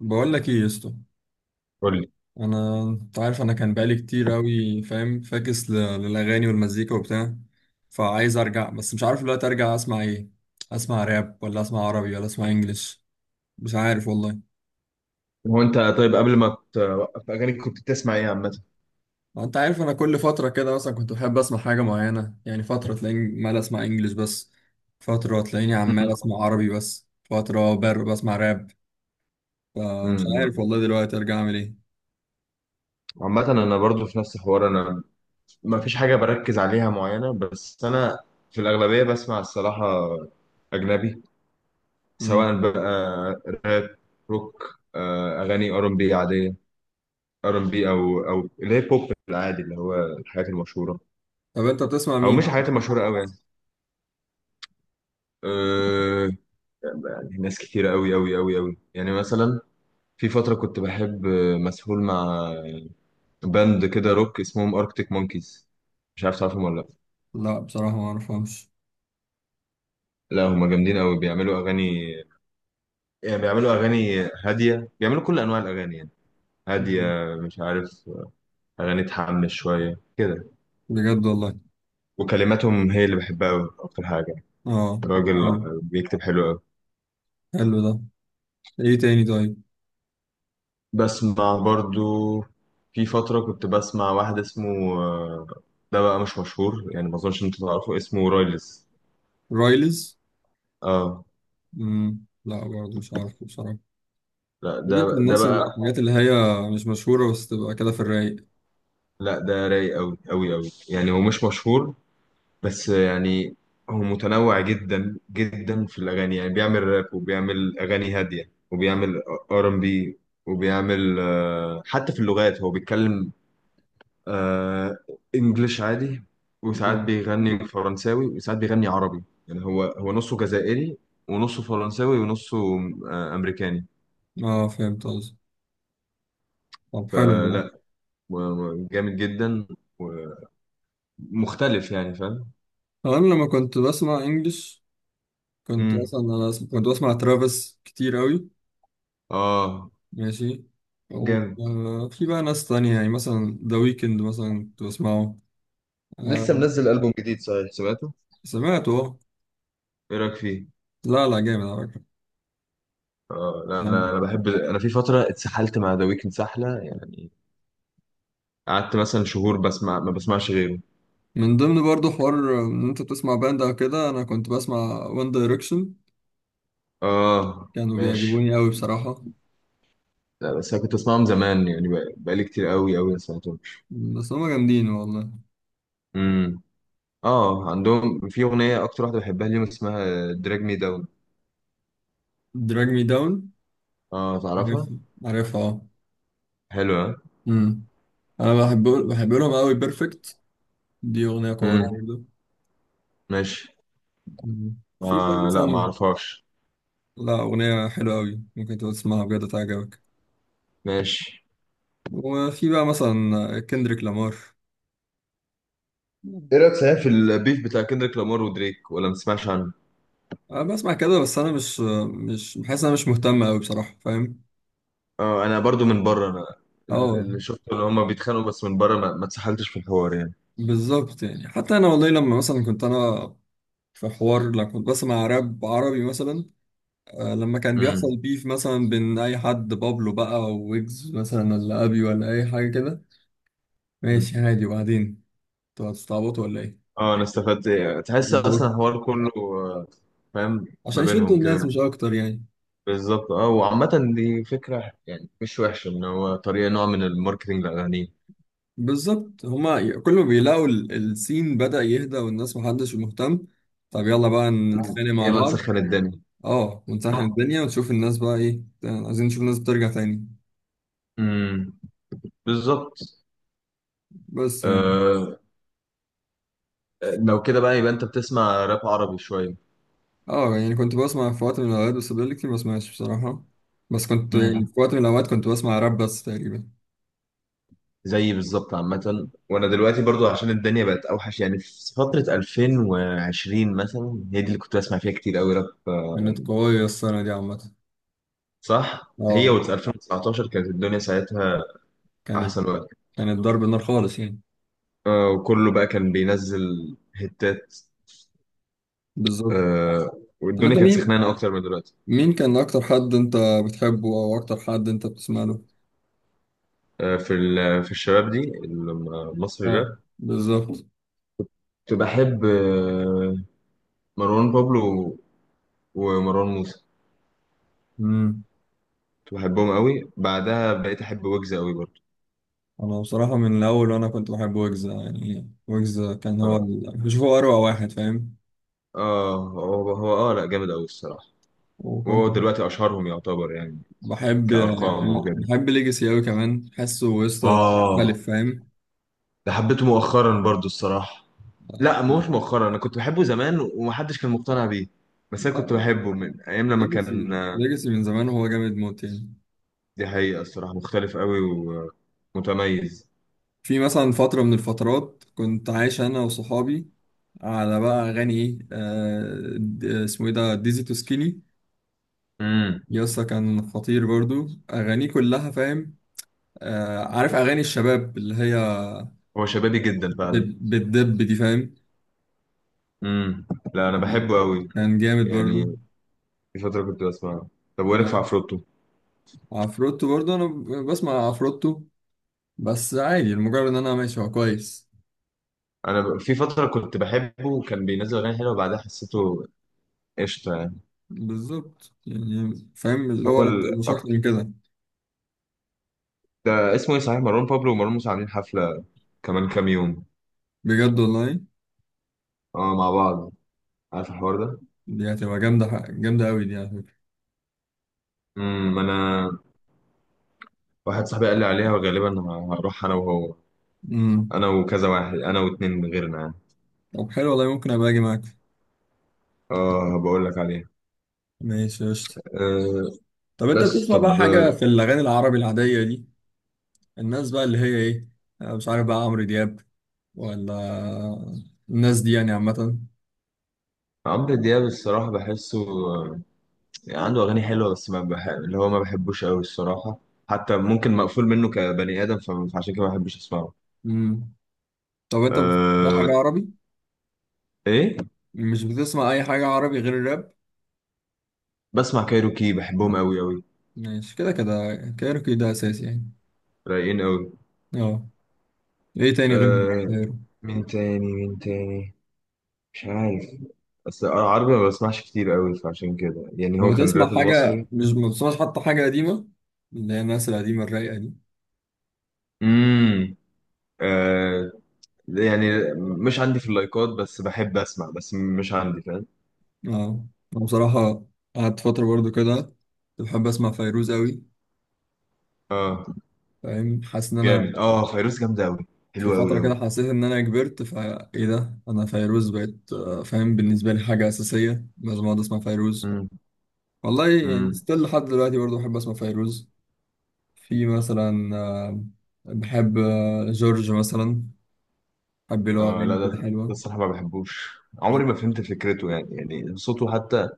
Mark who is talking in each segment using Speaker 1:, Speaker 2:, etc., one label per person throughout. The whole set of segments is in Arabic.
Speaker 1: بقول لك ايه يا اسطى؟
Speaker 2: قول لي.
Speaker 1: انت عارف انا كان بقالي كتير قوي فاهم فاكس للاغاني والمزيكا وبتاع. فعايز ارجع، بس مش عارف دلوقتي ارجع اسمع ايه، اسمع راب ولا اسمع عربي ولا اسمع انجليش؟ مش عارف والله.
Speaker 2: هو انت طيب قبل ما توقف اغاني كنت بتسمع ايه عامه؟
Speaker 1: ما انت عارف انا كل فتره كده مثلا كنت بحب اسمع حاجه معينه، يعني فتره تلاقيني مال اسمع انجليش بس، فتره تلاقيني
Speaker 2: مم.
Speaker 1: عمال اسمع عربي بس، فتره بسمع راب. فمش عارف
Speaker 2: امم.
Speaker 1: والله دلوقتي ارجع اعمل ايه.
Speaker 2: عامه انا برضو في نفس الحوار. انا ما فيش حاجه بركز عليها معينه، بس انا في الاغلبيه بسمع الصراحه اجنبي،
Speaker 1: امم
Speaker 2: سواء بقى راب، روك، اغاني ار ام بي عاديه، ار ام بي، او اللي هي بوب العادي، اللي هو الحاجات المشهوره،
Speaker 1: طب انت بتسمع
Speaker 2: او
Speaker 1: مين؟
Speaker 2: مش الحاجات المشهوره قوي يعني. أه يعني ناس كتيره قوي قوي قوي قوي، يعني مثلا في فتره كنت بحب، مسحول مع باند كده روك اسمهم اركتيك مونكيز. مش عارف تعرفهم ولا لا.
Speaker 1: لا بصراحه ما اعرفهمش.
Speaker 2: لا هما جامدين قوي، بيعملوا اغاني، يعني بيعملوا اغاني هاديه، بيعملوا كل انواع الاغاني يعني. هاديه،
Speaker 1: مم.
Speaker 2: مش عارف، اغاني تحمس شويه كده.
Speaker 1: بجد والله.
Speaker 2: وكلماتهم هي اللي بحبها قوي اكتر حاجه.
Speaker 1: اه، طب
Speaker 2: الراجل
Speaker 1: حلو.
Speaker 2: بيكتب حلو قوي.
Speaker 1: حلو ده. ايه تاني طيب؟
Speaker 2: بسمع برضو، في فتره كنت بسمع واحد اسمه، ده بقى مش مشهور يعني، ما اظنش انت تعرفه، اسمه رايلز.
Speaker 1: رايلز.
Speaker 2: اه،
Speaker 1: مم. لا برضه مش عارف بصراحة.
Speaker 2: لا
Speaker 1: طب انت
Speaker 2: ده
Speaker 1: الناس
Speaker 2: بقى.
Speaker 1: الحاجات اللي هي مش مشهورة بس تبقى كده في الرايق؟
Speaker 2: لا ده رايق قوي قوي قوي يعني، هو
Speaker 1: مم.
Speaker 2: مش مشهور بس يعني. هو متنوع جدا جدا في الاغاني، يعني بيعمل راب، وبيعمل اغاني هاديه، وبيعمل ار ام بي، وبيعمل حتى في اللغات هو بيتكلم، آه، انجليش عادي، وساعات
Speaker 1: مم.
Speaker 2: بيغني فرنساوي، وساعات بيغني عربي. يعني هو نصه جزائري، ونصه فرنساوي، ونصه امريكاني.
Speaker 1: اه فهمت قصدي. طب حلو
Speaker 2: فلا،
Speaker 1: والله.
Speaker 2: جامد جدا ومختلف يعني، فاهم.
Speaker 1: انا لما كنت بسمع انجلش كنت
Speaker 2: امم،
Speaker 1: اصلا انا كنت بسمع ترافيس كتير قوي.
Speaker 2: اه
Speaker 1: ماشي. او
Speaker 2: جامد.
Speaker 1: آه، في بقى ناس تانية، يعني مثلا ذا ويكند مثلا كنت بسمعه.
Speaker 2: لسه
Speaker 1: آه.
Speaker 2: منزل ألبوم جديد صحيح سمعته؟
Speaker 1: سمعته اه.
Speaker 2: ايه رايك فيه؟
Speaker 1: لا لا، جامد على
Speaker 2: اه لا،
Speaker 1: فكرة.
Speaker 2: انا بحب، انا في فتره اتسحلت مع ذا ويكند سحله يعني. قعدت مثلا شهور بسمع ما بسمعش غيره.
Speaker 1: من ضمن برضو حوار ان انت بتسمع باند او كده، انا كنت بسمع وان دايركشن،
Speaker 2: اه،
Speaker 1: كانوا
Speaker 2: ماشي.
Speaker 1: بيعجبوني قوي بصراحة.
Speaker 2: لا بس انا كنت اسمعهم زمان يعني، بقالي كتير قوي قوي ما سمعتهمش.
Speaker 1: بس هما جامدين والله.
Speaker 2: امم، اه. عندهم في اغنيه اكتر واحده بحبها ليهم، اسمها دراج مي داون.
Speaker 1: دراج مي داون.
Speaker 2: اه تعرفها؟
Speaker 1: عارفها اه.
Speaker 2: حلوه.
Speaker 1: امم انا بحب لهم قوي بيرفكت، دي اغنية قوية
Speaker 2: امم.
Speaker 1: برضو.
Speaker 2: ماشي.
Speaker 1: أمم. في بقى
Speaker 2: آه لا، ما
Speaker 1: مثلا.
Speaker 2: اعرفهاش.
Speaker 1: لا، اغنية حلوة قوي ممكن تبقى تسمعها بجد تعجبك.
Speaker 2: ماشي.
Speaker 1: وفي بقى مثلا كندريك لامار.
Speaker 2: ايه رايك صحيح في البيف بتاع كندريك لامار ودريك، ولا ما تسمعش عنه؟
Speaker 1: انا بسمع كده، بس انا مش بحس إن انا مش مهتم قوي بصراحة فاهم.
Speaker 2: اه، انا برضو من بره انا. اللي
Speaker 1: اه
Speaker 2: اللي شفته ان هما بيتخانقوا بس من بره ما اتسحلتش في الحوار يعني.
Speaker 1: بالظبط. يعني حتى انا والله لما مثلا كنت انا في حوار لما كنت بسمع راب عربي مثلا، لما كان
Speaker 2: امم.
Speaker 1: بيحصل بيف مثلا بين اي حد، بابلو بقى او ويجز مثلا ولا ابي ولا اي حاجه كده،
Speaker 2: أمم.
Speaker 1: ماشي عادي. وبعدين انتوا هتستعبطوا ولا ايه؟
Speaker 2: اه، انا استفدت إيه، تحس اصلا
Speaker 1: بالظبط،
Speaker 2: الحوار كله، فاهم. ما
Speaker 1: عشان يشدوا
Speaker 2: بينهم
Speaker 1: الناس
Speaker 2: كده.
Speaker 1: مش اكتر يعني.
Speaker 2: بالظبط، اه. وعامة دي فكرة يعني مش وحشة، ان هو طريقة نوع من الماركتينج للأغاني.
Speaker 1: بالظبط. هما كل ما بيلاقوا السين بدأ يهدى والناس محدش مهتم، طب يلا بقى
Speaker 2: أمم.
Speaker 1: نتخانق مع
Speaker 2: يلا
Speaker 1: بعض.
Speaker 2: نسخن الدنيا.
Speaker 1: اه ونسخن الدنيا ونشوف الناس بقى ايه، عايزين نشوف الناس بترجع تاني.
Speaker 2: امم. بالظبط.
Speaker 1: بس يعني.
Speaker 2: آه لو كده بقى يبقى انت بتسمع راب عربي شوية.
Speaker 1: اه يعني كنت بسمع في وقت من الأوقات، بس بقالي كتير ما بسمعش بصراحة. بس كنت يعني
Speaker 2: مم.
Speaker 1: في وقت من الأوقات كنت بسمع راب بس تقريبا.
Speaker 2: زيي بالظبط. عامة وانا دلوقتي برضو عشان الدنيا بقت اوحش يعني، في فترة 2020 مثلا هي دي اللي كنت بسمع فيها كتير قوي راب،
Speaker 1: كانت قوية السنة دي عامة.
Speaker 2: صح. هي
Speaker 1: اه.
Speaker 2: و 2019 كانت الدنيا ساعتها
Speaker 1: كانت
Speaker 2: احسن وقت،
Speaker 1: كانت ضرب النار خالص يعني.
Speaker 2: وكله بقى كان بينزل هتات.
Speaker 1: بالظبط.
Speaker 2: آه،
Speaker 1: طب
Speaker 2: والدنيا
Speaker 1: انت
Speaker 2: كانت
Speaker 1: مين،
Speaker 2: سخنانة اكتر من دلوقتي.
Speaker 1: مين كان أكتر حد انت بتحبه أو أكتر حد انت بتسمع له؟
Speaker 2: في الشباب دي المصري الراب،
Speaker 1: اه بالظبط.
Speaker 2: كنت بحب، مروان بابلو، ومروان موسى.
Speaker 1: امم
Speaker 2: كنت بحبهم قوي، بعدها بقيت احب ويجز قوي برضو.
Speaker 1: أنا بصراحة من الأول وأنا كنت بحب ويجز، يعني ويجز كان هو
Speaker 2: آه.
Speaker 1: ال... بشوفه أروع واحد فاهم.
Speaker 2: اه هو اه، لا جامد قوي الصراحه.
Speaker 1: وكنت
Speaker 2: وهو دلوقتي اشهرهم يعتبر يعني،
Speaker 1: بحب
Speaker 2: كارقام وكده.
Speaker 1: بحب ليجاسي أوي كمان، حاسه قصة
Speaker 2: اه،
Speaker 1: مختلف فاهم.
Speaker 2: ده حبيته مؤخرا برضو الصراحه. لا مش مؤخرا، انا كنت بحبه زمان ومحدش كان مقتنع بيه، بس انا كنت بحبه من ايام لما
Speaker 1: ليجاسي
Speaker 2: كان.
Speaker 1: ليجاسي من زمان وهو جامد موت يعني.
Speaker 2: دي حقيقه الصراحه، مختلف قوي ومتميز.
Speaker 1: في مثلا فترة من الفترات كنت عايش أنا وصحابي على بقى أغاني إيه، آه، اسمه إيه ده، ديزي تو سكيني.
Speaker 2: امم.
Speaker 1: يسا كان خطير برضو أغانيه كلها فاهم. آه، عارف أغاني الشباب اللي هي
Speaker 2: هو شبابي جدا فعلا.
Speaker 1: بتدب دي فاهم.
Speaker 2: امم. لا انا
Speaker 1: آه،
Speaker 2: بحبه قوي
Speaker 1: كان جامد برضو.
Speaker 2: يعني، في فتره كنت بسمعه. طب وإيه رايك في
Speaker 1: آه،
Speaker 2: عفروتو؟
Speaker 1: عفروتو برضو أنا بسمع عفروتو، بس عادي المجرد ان انا ماشي هو كويس.
Speaker 2: انا في فتره كنت بحبه وكان بينزل اغاني حلوه، وبعدها حسيته قشطه يعني.
Speaker 1: بالظبط يعني فاهم، اللي هو
Speaker 2: هو
Speaker 1: انت مش
Speaker 2: الأك...
Speaker 1: اكتر من كده.
Speaker 2: ده اسمه ايه صحيح، مروان بابلو ومروان موسى عاملين حفلة كمان كام يوم.
Speaker 1: بجد والله.
Speaker 2: اه مع بعض، عارف الحوار ده؟
Speaker 1: دي هتبقى جامده، جامده قوي دي على فكره.
Speaker 2: امم. انا، واحد صاحبي قال لي عليها وغالبا هروح انا وهو،
Speaker 1: امم
Speaker 2: انا وكذا واحد، انا واتنين غيرنا يعني.
Speaker 1: طب حلو والله ممكن ابقى اجي معاك.
Speaker 2: اه، بقول لك عليها.
Speaker 1: ماشي قشطه.
Speaker 2: أه.
Speaker 1: طب انت
Speaker 2: بس
Speaker 1: بتسمع بقى
Speaker 2: طب،
Speaker 1: حاجه في الاغاني العربي العاديه دي، الناس بقى اللي هي ايه، أنا مش عارف بقى عمرو دياب ولا الناس دي يعني عامه؟
Speaker 2: عمرو دياب الصراحة بحسه، عنده أغاني حلوة بس ما بح... اللي هو ما بحبوش أوي الصراحة. حتى ممكن مقفول منه كبني آدم، فعشان كده ما بحبش أسمعه.
Speaker 1: امم طب انت بتسمع
Speaker 2: أه.
Speaker 1: حاجه عربي،
Speaker 2: إيه،
Speaker 1: مش بتسمع اي حاجه عربي غير الراب؟
Speaker 2: بسمع كايروكي، بحبهم أوي أوي.
Speaker 1: ماشي، كده كده كايروكي ده اساسي يعني.
Speaker 2: رايقين أوي.
Speaker 1: اه. ايه تاني غير
Speaker 2: آه
Speaker 1: الكايرو؟
Speaker 2: مين تاني، مين تاني؟ مش عارف. بس انا عربي ما بسمعش كتير قوي، فعشان كده يعني
Speaker 1: هو
Speaker 2: هو كان
Speaker 1: بتسمع
Speaker 2: الراب
Speaker 1: حاجة،
Speaker 2: المصري.
Speaker 1: مش ما بتسمعش حتى حاجة قديمة، اللي هي الناس القديمة الرايقة دي؟
Speaker 2: امم. آه يعني مش عندي في اللايكات، بس بحب اسمع بس مش عندي، فاهم.
Speaker 1: اه انا بصراحة قعدت فترة برضو كده كنت بحب اسمع فيروز قوي
Speaker 2: اه
Speaker 1: فاهم، حاسس ان انا
Speaker 2: جامد. اه، فيروز جامدة قوي،
Speaker 1: في
Speaker 2: حلوة قوي
Speaker 1: فترة كده
Speaker 2: قوي.
Speaker 1: حسيت ان انا كبرت، فا ايه ده انا فيروز بقت آه، فاهم بالنسبة لي حاجة اساسية لازم اقعد اسمع فيروز.
Speaker 2: امم.
Speaker 1: والله يعني
Speaker 2: امم.
Speaker 1: ستيل لحد دلوقتي برضو بحب اسمع فيروز. في مثلا بحب جورج مثلا، بحب له
Speaker 2: اه لا
Speaker 1: اغاني
Speaker 2: ده
Speaker 1: كده
Speaker 2: ده
Speaker 1: حلوة.
Speaker 2: الصراحة ما بحبوش، عمري ما فهمت فكرته يعني صوته حتى،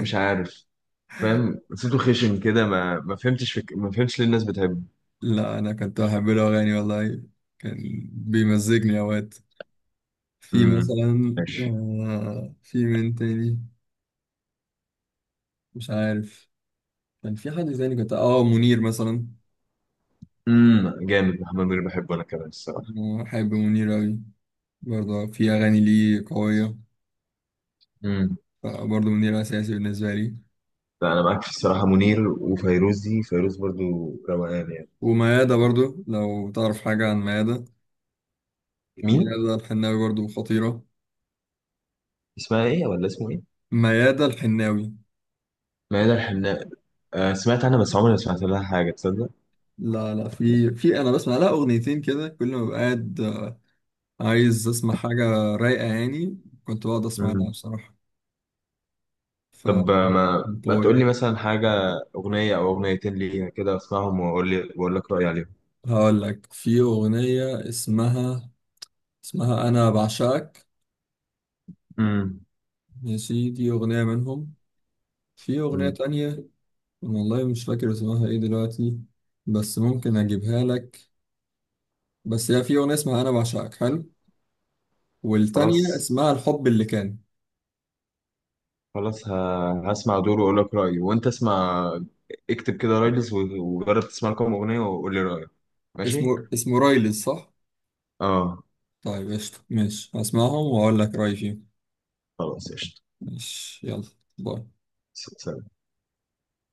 Speaker 2: مش عارف، فاهم، صوته خشن كده، ما فهمتش ليه الناس بتحبه.
Speaker 1: لا انا كنت بحب له اغاني والله، كان بيمزجني اوقات. في
Speaker 2: امم.
Speaker 1: مثلا
Speaker 2: ماشي.
Speaker 1: آه، في من تاني، مش عارف. كان في حد تاني كنت اه منير مثلا.
Speaker 2: امم. جامد، محمد منير بحبه انا كمان الصراحه.
Speaker 1: أنا بحب منير اوي، برضه في اغاني ليه قوية،
Speaker 2: امم.
Speaker 1: فبرضه منير اساسي بالنسبة لي.
Speaker 2: لا انا معاك في الصراحه، منير وفيروزي، فيروز برضو، روقان يعني.
Speaker 1: وميادة برضه لو تعرف حاجة عن ميادة،
Speaker 2: مين؟
Speaker 1: ميادة الحناوي برضه خطيرة.
Speaker 2: اسمها ايه ولا اسمه ايه؟
Speaker 1: ميادة الحناوي.
Speaker 2: ميادة الحناء. آه، سمعت عنها بس عمري ما سمعت لها حاجه تصدق.
Speaker 1: لا لا، في انا بسمع لها اغنيتين كده، كل ما ببقى قاعد عايز اسمع حاجة رايقة يعني، كنت بقعد اسمع لها
Speaker 2: امم.
Speaker 1: بصراحة. ف
Speaker 2: طب، ما
Speaker 1: باي.
Speaker 2: تقول لي مثلا حاجه، اغنيه او اغنيتين ليها كده اسمعهم، واقول لي، واقول لك رايي عليهم.
Speaker 1: هقول لك في أغنية، اسمها أنا بعشقك.
Speaker 2: امم.
Speaker 1: ماشي. دي أغنية منهم. في أغنية
Speaker 2: امم.
Speaker 1: تانية. والله مش فاكر اسمها ايه دلوقتي، بس ممكن أجيبها لك. بس هي في أغنية اسمها أنا بعشقك حلو،
Speaker 2: خلاص،
Speaker 1: والتانية اسمها الحب اللي كان.
Speaker 2: خلاص، هسمع دور واقول لك رايي وانت اسمع. اكتب كده رايلز، وجرب تسمع لكم اغنيه وقول لي رايك.
Speaker 1: اسمه
Speaker 2: ماشي.
Speaker 1: اسمه رايلز صح؟
Speaker 2: اه،
Speaker 1: طيب قشطة، ماشي هسمعهم وأقول لك رأيي فيهم.
Speaker 2: خلاص قشطة.
Speaker 1: ماشي يلا. باي.
Speaker 2: سلام.